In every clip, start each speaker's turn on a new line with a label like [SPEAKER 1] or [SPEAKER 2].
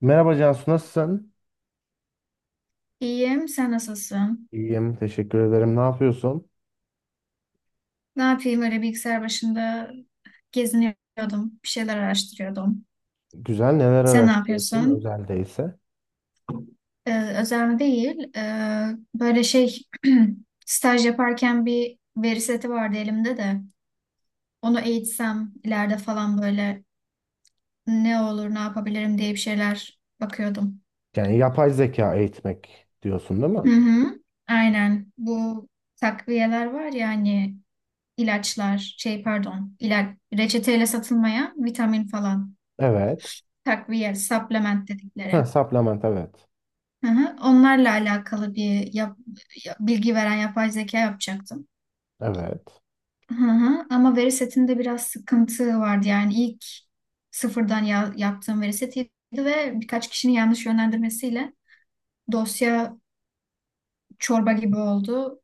[SPEAKER 1] Merhaba Cansu, nasılsın?
[SPEAKER 2] İyiyim, sen nasılsın?
[SPEAKER 1] İyiyim, teşekkür ederim. Ne yapıyorsun?
[SPEAKER 2] Ne yapayım öyle bilgisayar başında geziniyordum, bir şeyler araştırıyordum.
[SPEAKER 1] Güzel, neler
[SPEAKER 2] Sen ne
[SPEAKER 1] araştırıyorsun
[SPEAKER 2] yapıyorsun?
[SPEAKER 1] özelde ise?
[SPEAKER 2] Özel mi değil, böyle şey staj yaparken bir veri seti vardı elimde de. Onu eğitsem ileride falan böyle ne olur ne yapabilirim diye bir şeyler bakıyordum.
[SPEAKER 1] Yani yapay zeka eğitmek diyorsun değil
[SPEAKER 2] Hı
[SPEAKER 1] mi?
[SPEAKER 2] hı, aynen bu takviyeler var ya hani ilaçlar şey pardon ilaç reçeteyle satılmayan vitamin falan.
[SPEAKER 1] Evet.
[SPEAKER 2] Takviye, supplement
[SPEAKER 1] Ha,
[SPEAKER 2] dedikleri.
[SPEAKER 1] supplement, evet.
[SPEAKER 2] Hı hı. Onlarla alakalı bir bilgi veren yapay zeka yapacaktım.
[SPEAKER 1] Evet.
[SPEAKER 2] Hı hı. Ama veri setinde biraz sıkıntı vardı. Yani ilk sıfırdan yaptığım veri setiydi ve birkaç kişinin yanlış yönlendirmesiyle dosya çorba gibi oldu.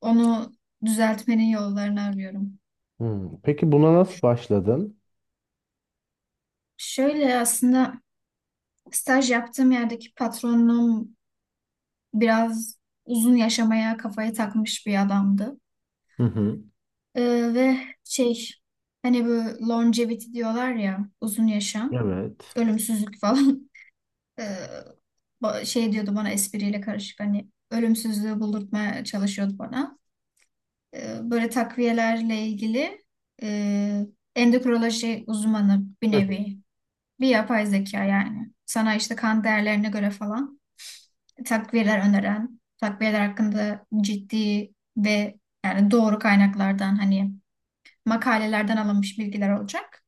[SPEAKER 2] Onu düzeltmenin yollarını arıyorum.
[SPEAKER 1] Hmm, peki buna nasıl başladın?
[SPEAKER 2] Şöyle aslında staj yaptığım yerdeki patronum biraz uzun yaşamaya kafayı takmış bir adamdı.
[SPEAKER 1] Hı hı.
[SPEAKER 2] Ve şey hani bu longevity diyorlar ya uzun yaşam,
[SPEAKER 1] Evet.
[SPEAKER 2] ölümsüzlük falan. Ee, şey diyordu bana espriyle karışık hani ölümsüzlüğü buldurtmaya çalışıyordu bana. Böyle takviyelerle ilgili e, endokrinoloji uzmanı bir
[SPEAKER 1] Hı hı.
[SPEAKER 2] nevi bir yapay zeka yani. Sana işte kan değerlerine göre falan takviyeler öneren, takviyeler hakkında ciddi ve yani doğru kaynaklardan hani makalelerden alınmış bilgiler olacak.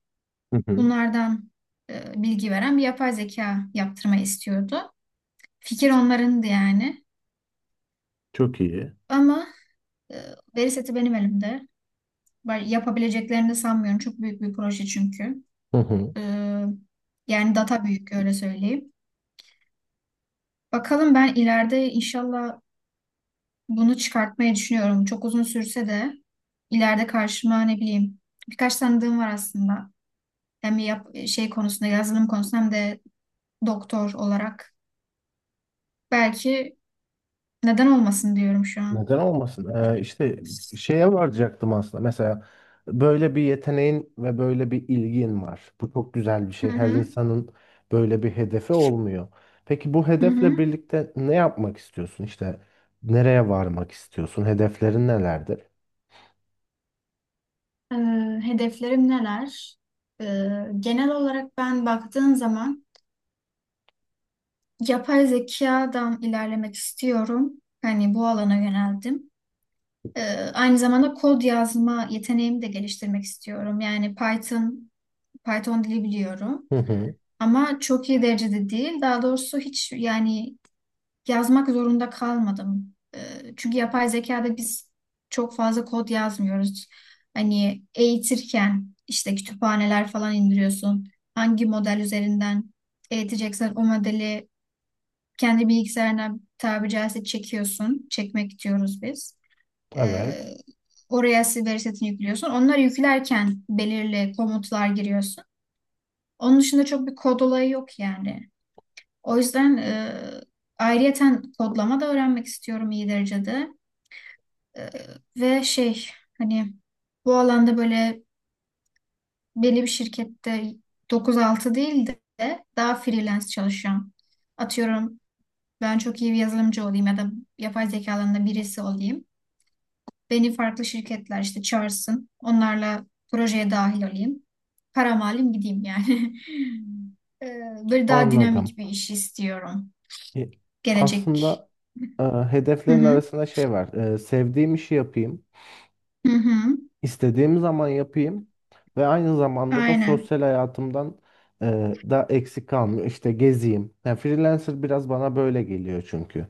[SPEAKER 1] Hı hı.
[SPEAKER 2] Bunlardan bilgi veren bir yapay zeka yaptırmayı istiyordu. Fikir onlarındı yani.
[SPEAKER 1] Çok iyi.
[SPEAKER 2] Ama e, veri seti benim elimde. Yapabileceklerini de sanmıyorum. Çok büyük bir proje çünkü.
[SPEAKER 1] Hı hı.
[SPEAKER 2] E, yani data büyük öyle söyleyeyim. Bakalım ben ileride inşallah bunu çıkartmayı düşünüyorum. Çok uzun sürse de ileride karşıma ne bileyim birkaç tanıdığım var aslında. Hem şey konusunda yazılım konusunda hem de doktor olarak. Belki neden olmasın diyorum şu an.
[SPEAKER 1] Neden olmasın? İşte şeye varacaktım aslında. Mesela böyle bir yeteneğin ve böyle bir ilgin var. Bu çok güzel bir
[SPEAKER 2] Hı
[SPEAKER 1] şey. Her
[SPEAKER 2] hı,
[SPEAKER 1] insanın böyle bir hedefi olmuyor. Peki bu
[SPEAKER 2] hı
[SPEAKER 1] hedefle
[SPEAKER 2] hı.
[SPEAKER 1] birlikte ne yapmak istiyorsun? İşte nereye varmak istiyorsun? Hedeflerin nelerdir?
[SPEAKER 2] Ee, hedeflerim neler? Ee, genel olarak ben baktığım zaman yapay zekadan ilerlemek istiyorum. Hani bu alana yöneldim. Ee, aynı zamanda kod yazma yeteneğimi de geliştirmek istiyorum. Yani Python dili biliyorum.
[SPEAKER 1] Hı hı.
[SPEAKER 2] Ama çok iyi derecede değil. Daha doğrusu hiç yani yazmak zorunda kalmadım. Çünkü yapay zekada biz çok fazla kod yazmıyoruz. Hani eğitirken işte kütüphaneler falan indiriyorsun. Hangi model üzerinden eğiteceksen o modeli kendi bilgisayarına tabiri caizse çekiyorsun. Çekmek diyoruz biz. Ee,
[SPEAKER 1] Evet.
[SPEAKER 2] oraya veri setini yüklüyorsun. Onları yüklerken belirli komutlar giriyorsun. Onun dışında çok bir kod olayı yok yani. O yüzden ayrıyeten kodlama da öğrenmek istiyorum iyi derecede. E, ve şey hani bu alanda böyle belli bir şirkette dokuz altı değil de daha freelance çalışacağım. Atıyorum ben çok iyi bir yazılımcı olayım ya da yapay zeka alanında birisi olayım. Beni farklı şirketler işte çağırsın. Onlarla projeye dahil olayım. Param alayım gideyim yani. E, böyle daha
[SPEAKER 1] Anladım.
[SPEAKER 2] dinamik bir iş istiyorum.
[SPEAKER 1] E,
[SPEAKER 2] Gelecek.
[SPEAKER 1] Aslında
[SPEAKER 2] Hı
[SPEAKER 1] hedeflerin
[SPEAKER 2] hı.
[SPEAKER 1] arasında şey var. E, sevdiğim işi yapayım.
[SPEAKER 2] Hı hı.
[SPEAKER 1] İstediğim zaman yapayım ve aynı zamanda da
[SPEAKER 2] Aynen.
[SPEAKER 1] sosyal hayatımdan e, da eksik kalmıyor. İşte gezeyim. Yani freelancer biraz bana böyle geliyor çünkü.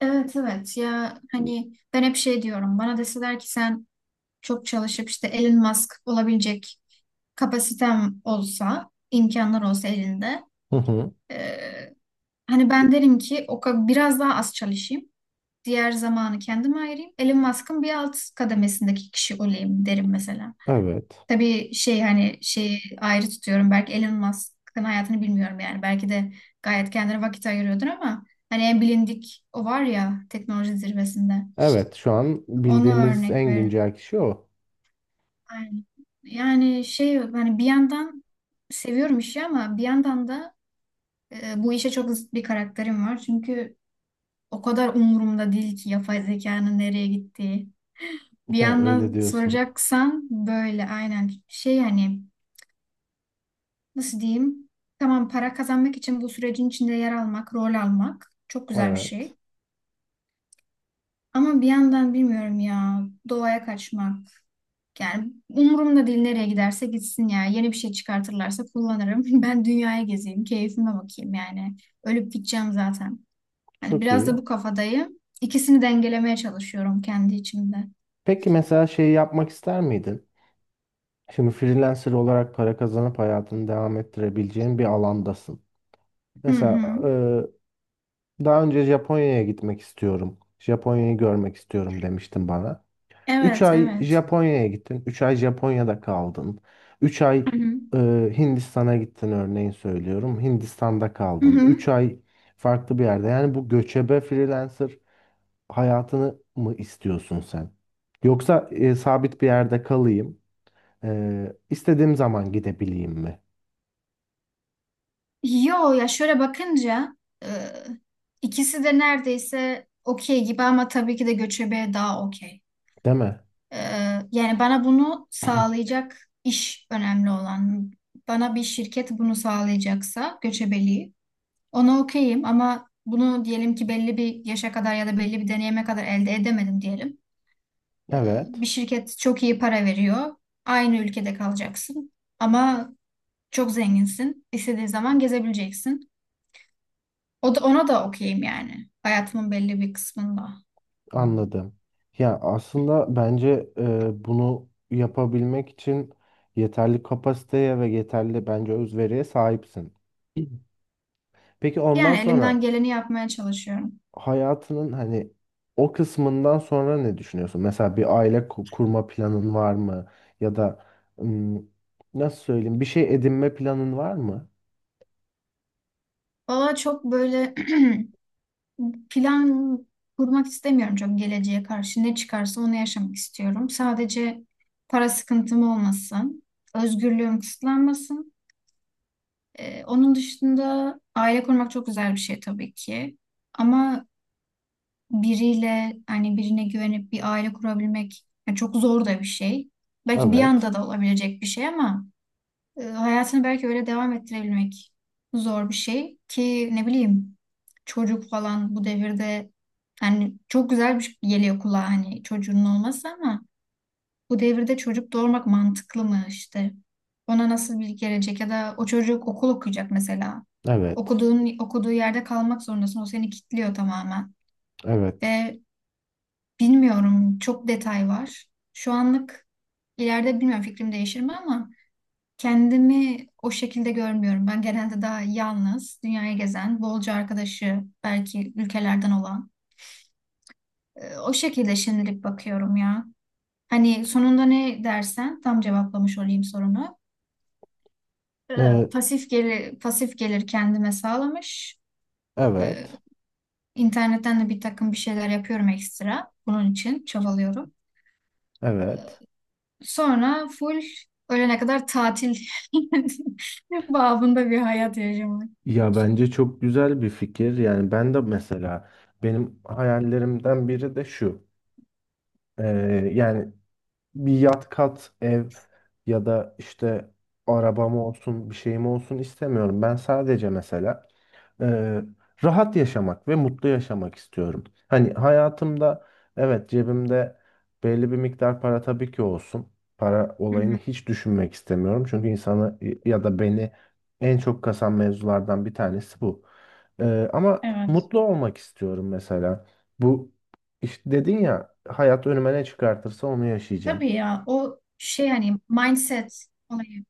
[SPEAKER 2] Evet evet ya hani ben hep şey diyorum bana deseler ki sen çok çalışıp işte Elon Musk olabilecek kapasitem olsa imkanlar olsa elinde
[SPEAKER 1] Hı hı.
[SPEAKER 2] eee, hani ben derim ki biraz daha az çalışayım diğer zamanı kendime ayırayım Elon Musk'ın bir alt kademesindeki kişi olayım derim mesela.
[SPEAKER 1] Evet.
[SPEAKER 2] Tabii şey hani şeyi ayrı tutuyorum. Belki Elon Musk'ın hayatını bilmiyorum yani. Belki de gayet kendine vakit ayırıyordur ama hani en bilindik o var ya teknoloji zirvesinde.
[SPEAKER 1] Evet, şu an
[SPEAKER 2] Onu
[SPEAKER 1] bildiğimiz
[SPEAKER 2] örnek
[SPEAKER 1] en
[SPEAKER 2] veririm.
[SPEAKER 1] güncel kişi o.
[SPEAKER 2] Aynen. Yani şey hani bir yandan seviyorum işi ama bir yandan da bu işe çok zıt bir karakterim var. Çünkü o kadar umurumda değil ki yapay zekanın nereye gittiği. Bir
[SPEAKER 1] He, öyle
[SPEAKER 2] yandan
[SPEAKER 1] diyorsun.
[SPEAKER 2] soracaksan böyle aynen şey hani nasıl diyeyim? Tamam para kazanmak için bu sürecin içinde yer almak, rol almak çok güzel bir
[SPEAKER 1] Evet.
[SPEAKER 2] şey. Ama bir yandan bilmiyorum ya doğaya kaçmak. Yani umurumda değil nereye giderse gitsin ya. Yeni bir şey çıkartırlarsa kullanırım. Ben dünyaya gezeyim, keyfime bakayım yani. Ölüp gideceğim zaten. Hani
[SPEAKER 1] Çok
[SPEAKER 2] biraz da
[SPEAKER 1] iyi.
[SPEAKER 2] bu kafadayım. İkisini dengelemeye çalışıyorum kendi içimde.
[SPEAKER 1] Peki mesela şeyi yapmak ister miydin? Şimdi freelancer olarak para kazanıp hayatını devam ettirebileceğin bir alandasın.
[SPEAKER 2] Hı
[SPEAKER 1] Mesela
[SPEAKER 2] hı.
[SPEAKER 1] daha önce Japonya'ya gitmek istiyorum. Japonya'yı görmek istiyorum demiştin bana. 3
[SPEAKER 2] Evet,
[SPEAKER 1] ay
[SPEAKER 2] evet.
[SPEAKER 1] Japonya'ya gittin. 3 ay Japonya'da kaldın. 3 ay
[SPEAKER 2] Hı hı.
[SPEAKER 1] e, Hindistan'a gittin örneğin söylüyorum. Hindistan'da
[SPEAKER 2] Hı
[SPEAKER 1] kaldın.
[SPEAKER 2] hı.
[SPEAKER 1] 3 ay farklı bir yerde. Yani bu göçebe freelancer hayatını mı istiyorsun sen? Yoksa sabit bir yerde kalayım. İstediğim zaman gidebileyim mi?
[SPEAKER 2] Yo ya şöyle bakınca e, ikisi de neredeyse okey gibi ama tabii ki de göçebe daha okey.
[SPEAKER 1] Değil mi?
[SPEAKER 2] E, yani bana bunu sağlayacak iş önemli olan. Bana bir şirket bunu sağlayacaksa göçebeliği ona okeyim ama bunu diyelim ki belli bir yaşa kadar ya da belli bir deneyime kadar elde edemedim diyelim. E,
[SPEAKER 1] Evet.
[SPEAKER 2] bir şirket çok iyi para veriyor. Aynı ülkede kalacaksın ama çok zenginsin. İstediğin zaman gezebileceksin. O da, ona da okeyim yani. Hayatımın belli bir kısmında.
[SPEAKER 1] Anladım. Ya aslında bence bunu yapabilmek için yeterli kapasiteye ve yeterli bence özveriye sahipsin. Peki ondan
[SPEAKER 2] Yani elimden
[SPEAKER 1] sonra
[SPEAKER 2] geleni yapmaya çalışıyorum.
[SPEAKER 1] hayatının hani o kısmından sonra ne düşünüyorsun? Mesela bir aile kurma planın var mı? Ya da ım, nasıl söyleyeyim, bir şey edinme planın var mı?
[SPEAKER 2] Valla çok böyle plan kurmak istemiyorum çok geleceğe karşı. Ne çıkarsa onu yaşamak istiyorum. Sadece para sıkıntım olmasın. Özgürlüğüm kısıtlanmasın. Onun dışında aile kurmak çok güzel bir şey tabii ki. Ama biriyle hani birine güvenip bir aile kurabilmek yani çok zor da bir şey. Belki bir
[SPEAKER 1] Evet.
[SPEAKER 2] anda da olabilecek bir şey ama hayatını belki öyle devam ettirebilmek zor bir şey ki ne bileyim çocuk falan bu devirde hani çok güzel bir şey geliyor kulağa hani çocuğunun olması ama bu devirde çocuk doğurmak mantıklı mı işte ona nasıl bir gelecek ya da o çocuk okul okuyacak mesela
[SPEAKER 1] Evet.
[SPEAKER 2] okuduğu yerde kalmak zorundasın o seni kilitliyor tamamen
[SPEAKER 1] Evet.
[SPEAKER 2] ve bilmiyorum çok detay var şu anlık ileride bilmiyorum fikrim değişir mi ama kendimi o şekilde görmüyorum. Ben genelde daha yalnız, dünyayı gezen, bolca arkadaşı belki ülkelerden olan. O şekilde şimdilik bakıyorum ya. Hani sonunda ne dersen tam cevaplamış olayım sorunu. E,
[SPEAKER 1] Ee,
[SPEAKER 2] Pasif gelir, pasif gelir kendime sağlamış. E,
[SPEAKER 1] evet.
[SPEAKER 2] İnternetten de bir takım bir şeyler yapıyorum ekstra. Bunun için çabalıyorum.
[SPEAKER 1] Evet.
[SPEAKER 2] Sonra full ölene kadar tatil babında bir hayat yaşamak.
[SPEAKER 1] Ya bence çok güzel bir fikir. Yani ben de mesela benim hayallerimden biri de şu. Yani bir yat, kat, ev ya da işte arabam olsun, bir şeyim olsun istemiyorum. Ben sadece mesela e, rahat yaşamak ve mutlu yaşamak istiyorum. Hani hayatımda evet, cebimde belli bir miktar para tabii ki olsun. Para
[SPEAKER 2] Hı
[SPEAKER 1] olayını
[SPEAKER 2] hı.
[SPEAKER 1] hiç düşünmek istemiyorum. Çünkü insanı ya da beni en çok kasan mevzulardan bir tanesi bu. Ama
[SPEAKER 2] Evet.
[SPEAKER 1] mutlu olmak istiyorum mesela. Bu işte dedin ya, hayat önüme ne çıkartırsa onu yaşayacağım.
[SPEAKER 2] Tabii ya o şey hani mindset olayı.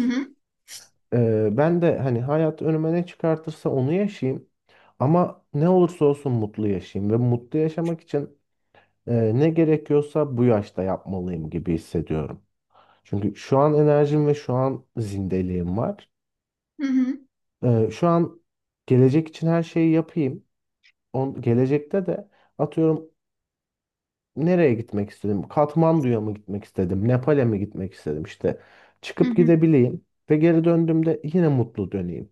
[SPEAKER 2] Hı hı,
[SPEAKER 1] Ben de hani hayat önüme ne çıkartırsa onu yaşayayım. Ama ne olursa olsun mutlu yaşayayım. Ve mutlu yaşamak için ne gerekiyorsa bu yaşta yapmalıyım gibi hissediyorum. Çünkü şu an enerjim ve şu an zindeliğim var.
[SPEAKER 2] hı hı,
[SPEAKER 1] Şu an gelecek için her şeyi yapayım. Gelecekte de atıyorum, nereye gitmek istedim? Katmandu'ya mı gitmek istedim? Nepal'e mi gitmek istedim? İşte
[SPEAKER 2] hı
[SPEAKER 1] çıkıp
[SPEAKER 2] hı.
[SPEAKER 1] gidebileyim. Ve geri döndüğümde yine mutlu döneyim.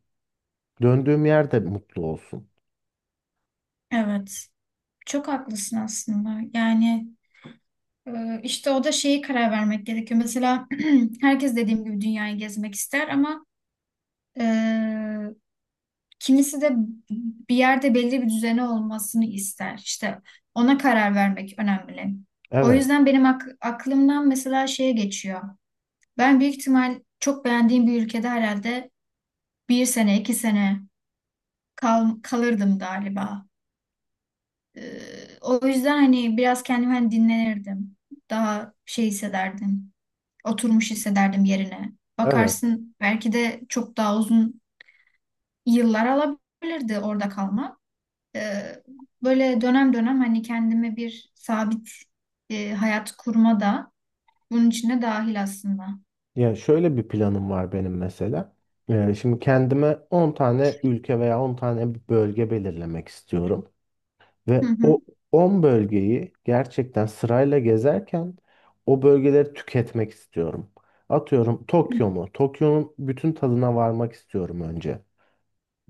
[SPEAKER 1] Döndüğüm yerde mutlu olsun.
[SPEAKER 2] Evet. Çok haklısın aslında. Yani işte o da şeyi karar vermek gerekiyor. Mesela herkes dediğim gibi dünyayı gezmek ister ama e, kimisi de bir yerde belli bir düzeni olmasını ister. İşte ona karar vermek önemli. O
[SPEAKER 1] Evet,
[SPEAKER 2] yüzden benim aklımdan mesela şeye geçiyor. Ben büyük ihtimal çok beğendiğim bir ülkede herhalde bir sene, iki sene kalırdım galiba. O yüzden hani biraz kendimi hani dinlenirdim. Daha şey hissederdim. Oturmuş hissederdim yerine.
[SPEAKER 1] evet.
[SPEAKER 2] Bakarsın belki de çok daha uzun yıllar alabilirdi orada kalmak. Ee, böyle dönem dönem hani kendime bir sabit hayat kurma da bunun içine dahil aslında.
[SPEAKER 1] Yani şöyle bir planım var benim mesela. Şimdi kendime 10 tane ülke veya 10 tane bir bölge belirlemek istiyorum.
[SPEAKER 2] Hı
[SPEAKER 1] Ve
[SPEAKER 2] hı.
[SPEAKER 1] o 10 bölgeyi gerçekten sırayla gezerken o bölgeleri tüketmek istiyorum. Atıyorum Tokyo mu? Tokyo'nun bütün tadına varmak istiyorum önce.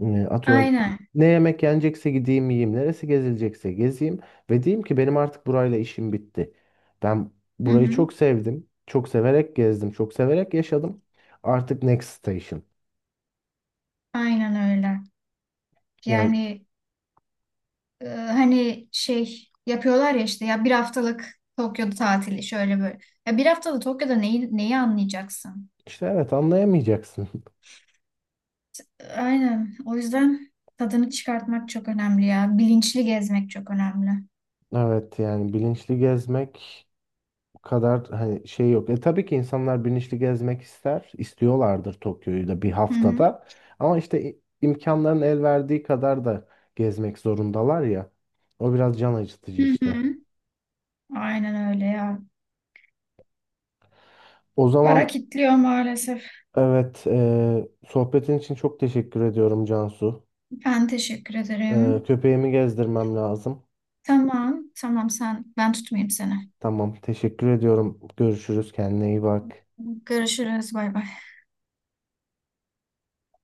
[SPEAKER 1] Atıyorum
[SPEAKER 2] Aynen.
[SPEAKER 1] ne yemek yenecekse gideyim yiyeyim. Neresi gezilecekse gezeyim. Ve diyeyim ki benim artık burayla işim bitti. Ben
[SPEAKER 2] Hı
[SPEAKER 1] burayı
[SPEAKER 2] hı.
[SPEAKER 1] çok sevdim. Çok severek gezdim. Çok severek yaşadım. Artık next station.
[SPEAKER 2] Aynen öyle.
[SPEAKER 1] Yani
[SPEAKER 2] Yani hani şey yapıyorlar ya işte ya bir haftalık Tokyo'da tatili şöyle böyle. Ya bir haftalık Tokyo'da neyi, neyi anlayacaksın?
[SPEAKER 1] işte evet, anlayamayacaksın.
[SPEAKER 2] Aynen. O yüzden tadını çıkartmak çok önemli ya. Bilinçli gezmek çok önemli.
[SPEAKER 1] Evet, yani bilinçli gezmek kadar hani şey yok. E tabii ki insanlar bilinçli gezmek ister, istiyorlardır Tokyo'yu da bir
[SPEAKER 2] Hı hı.
[SPEAKER 1] haftada. Ama işte imkanların el verdiği kadar da gezmek zorundalar ya. O biraz can acıtıcı
[SPEAKER 2] Hı
[SPEAKER 1] işte.
[SPEAKER 2] hı. Aynen öyle ya.
[SPEAKER 1] O
[SPEAKER 2] Para
[SPEAKER 1] zaman
[SPEAKER 2] kitliyor maalesef.
[SPEAKER 1] evet, sohbetin için çok teşekkür ediyorum Cansu.
[SPEAKER 2] Ben teşekkür ederim.
[SPEAKER 1] Köpeğimi gezdirmem lazım.
[SPEAKER 2] Tamam, tamam sen ben tutmayayım seni.
[SPEAKER 1] Tamam, teşekkür ediyorum. Görüşürüz, kendine iyi bak.
[SPEAKER 2] Görüşürüz. Bay bay.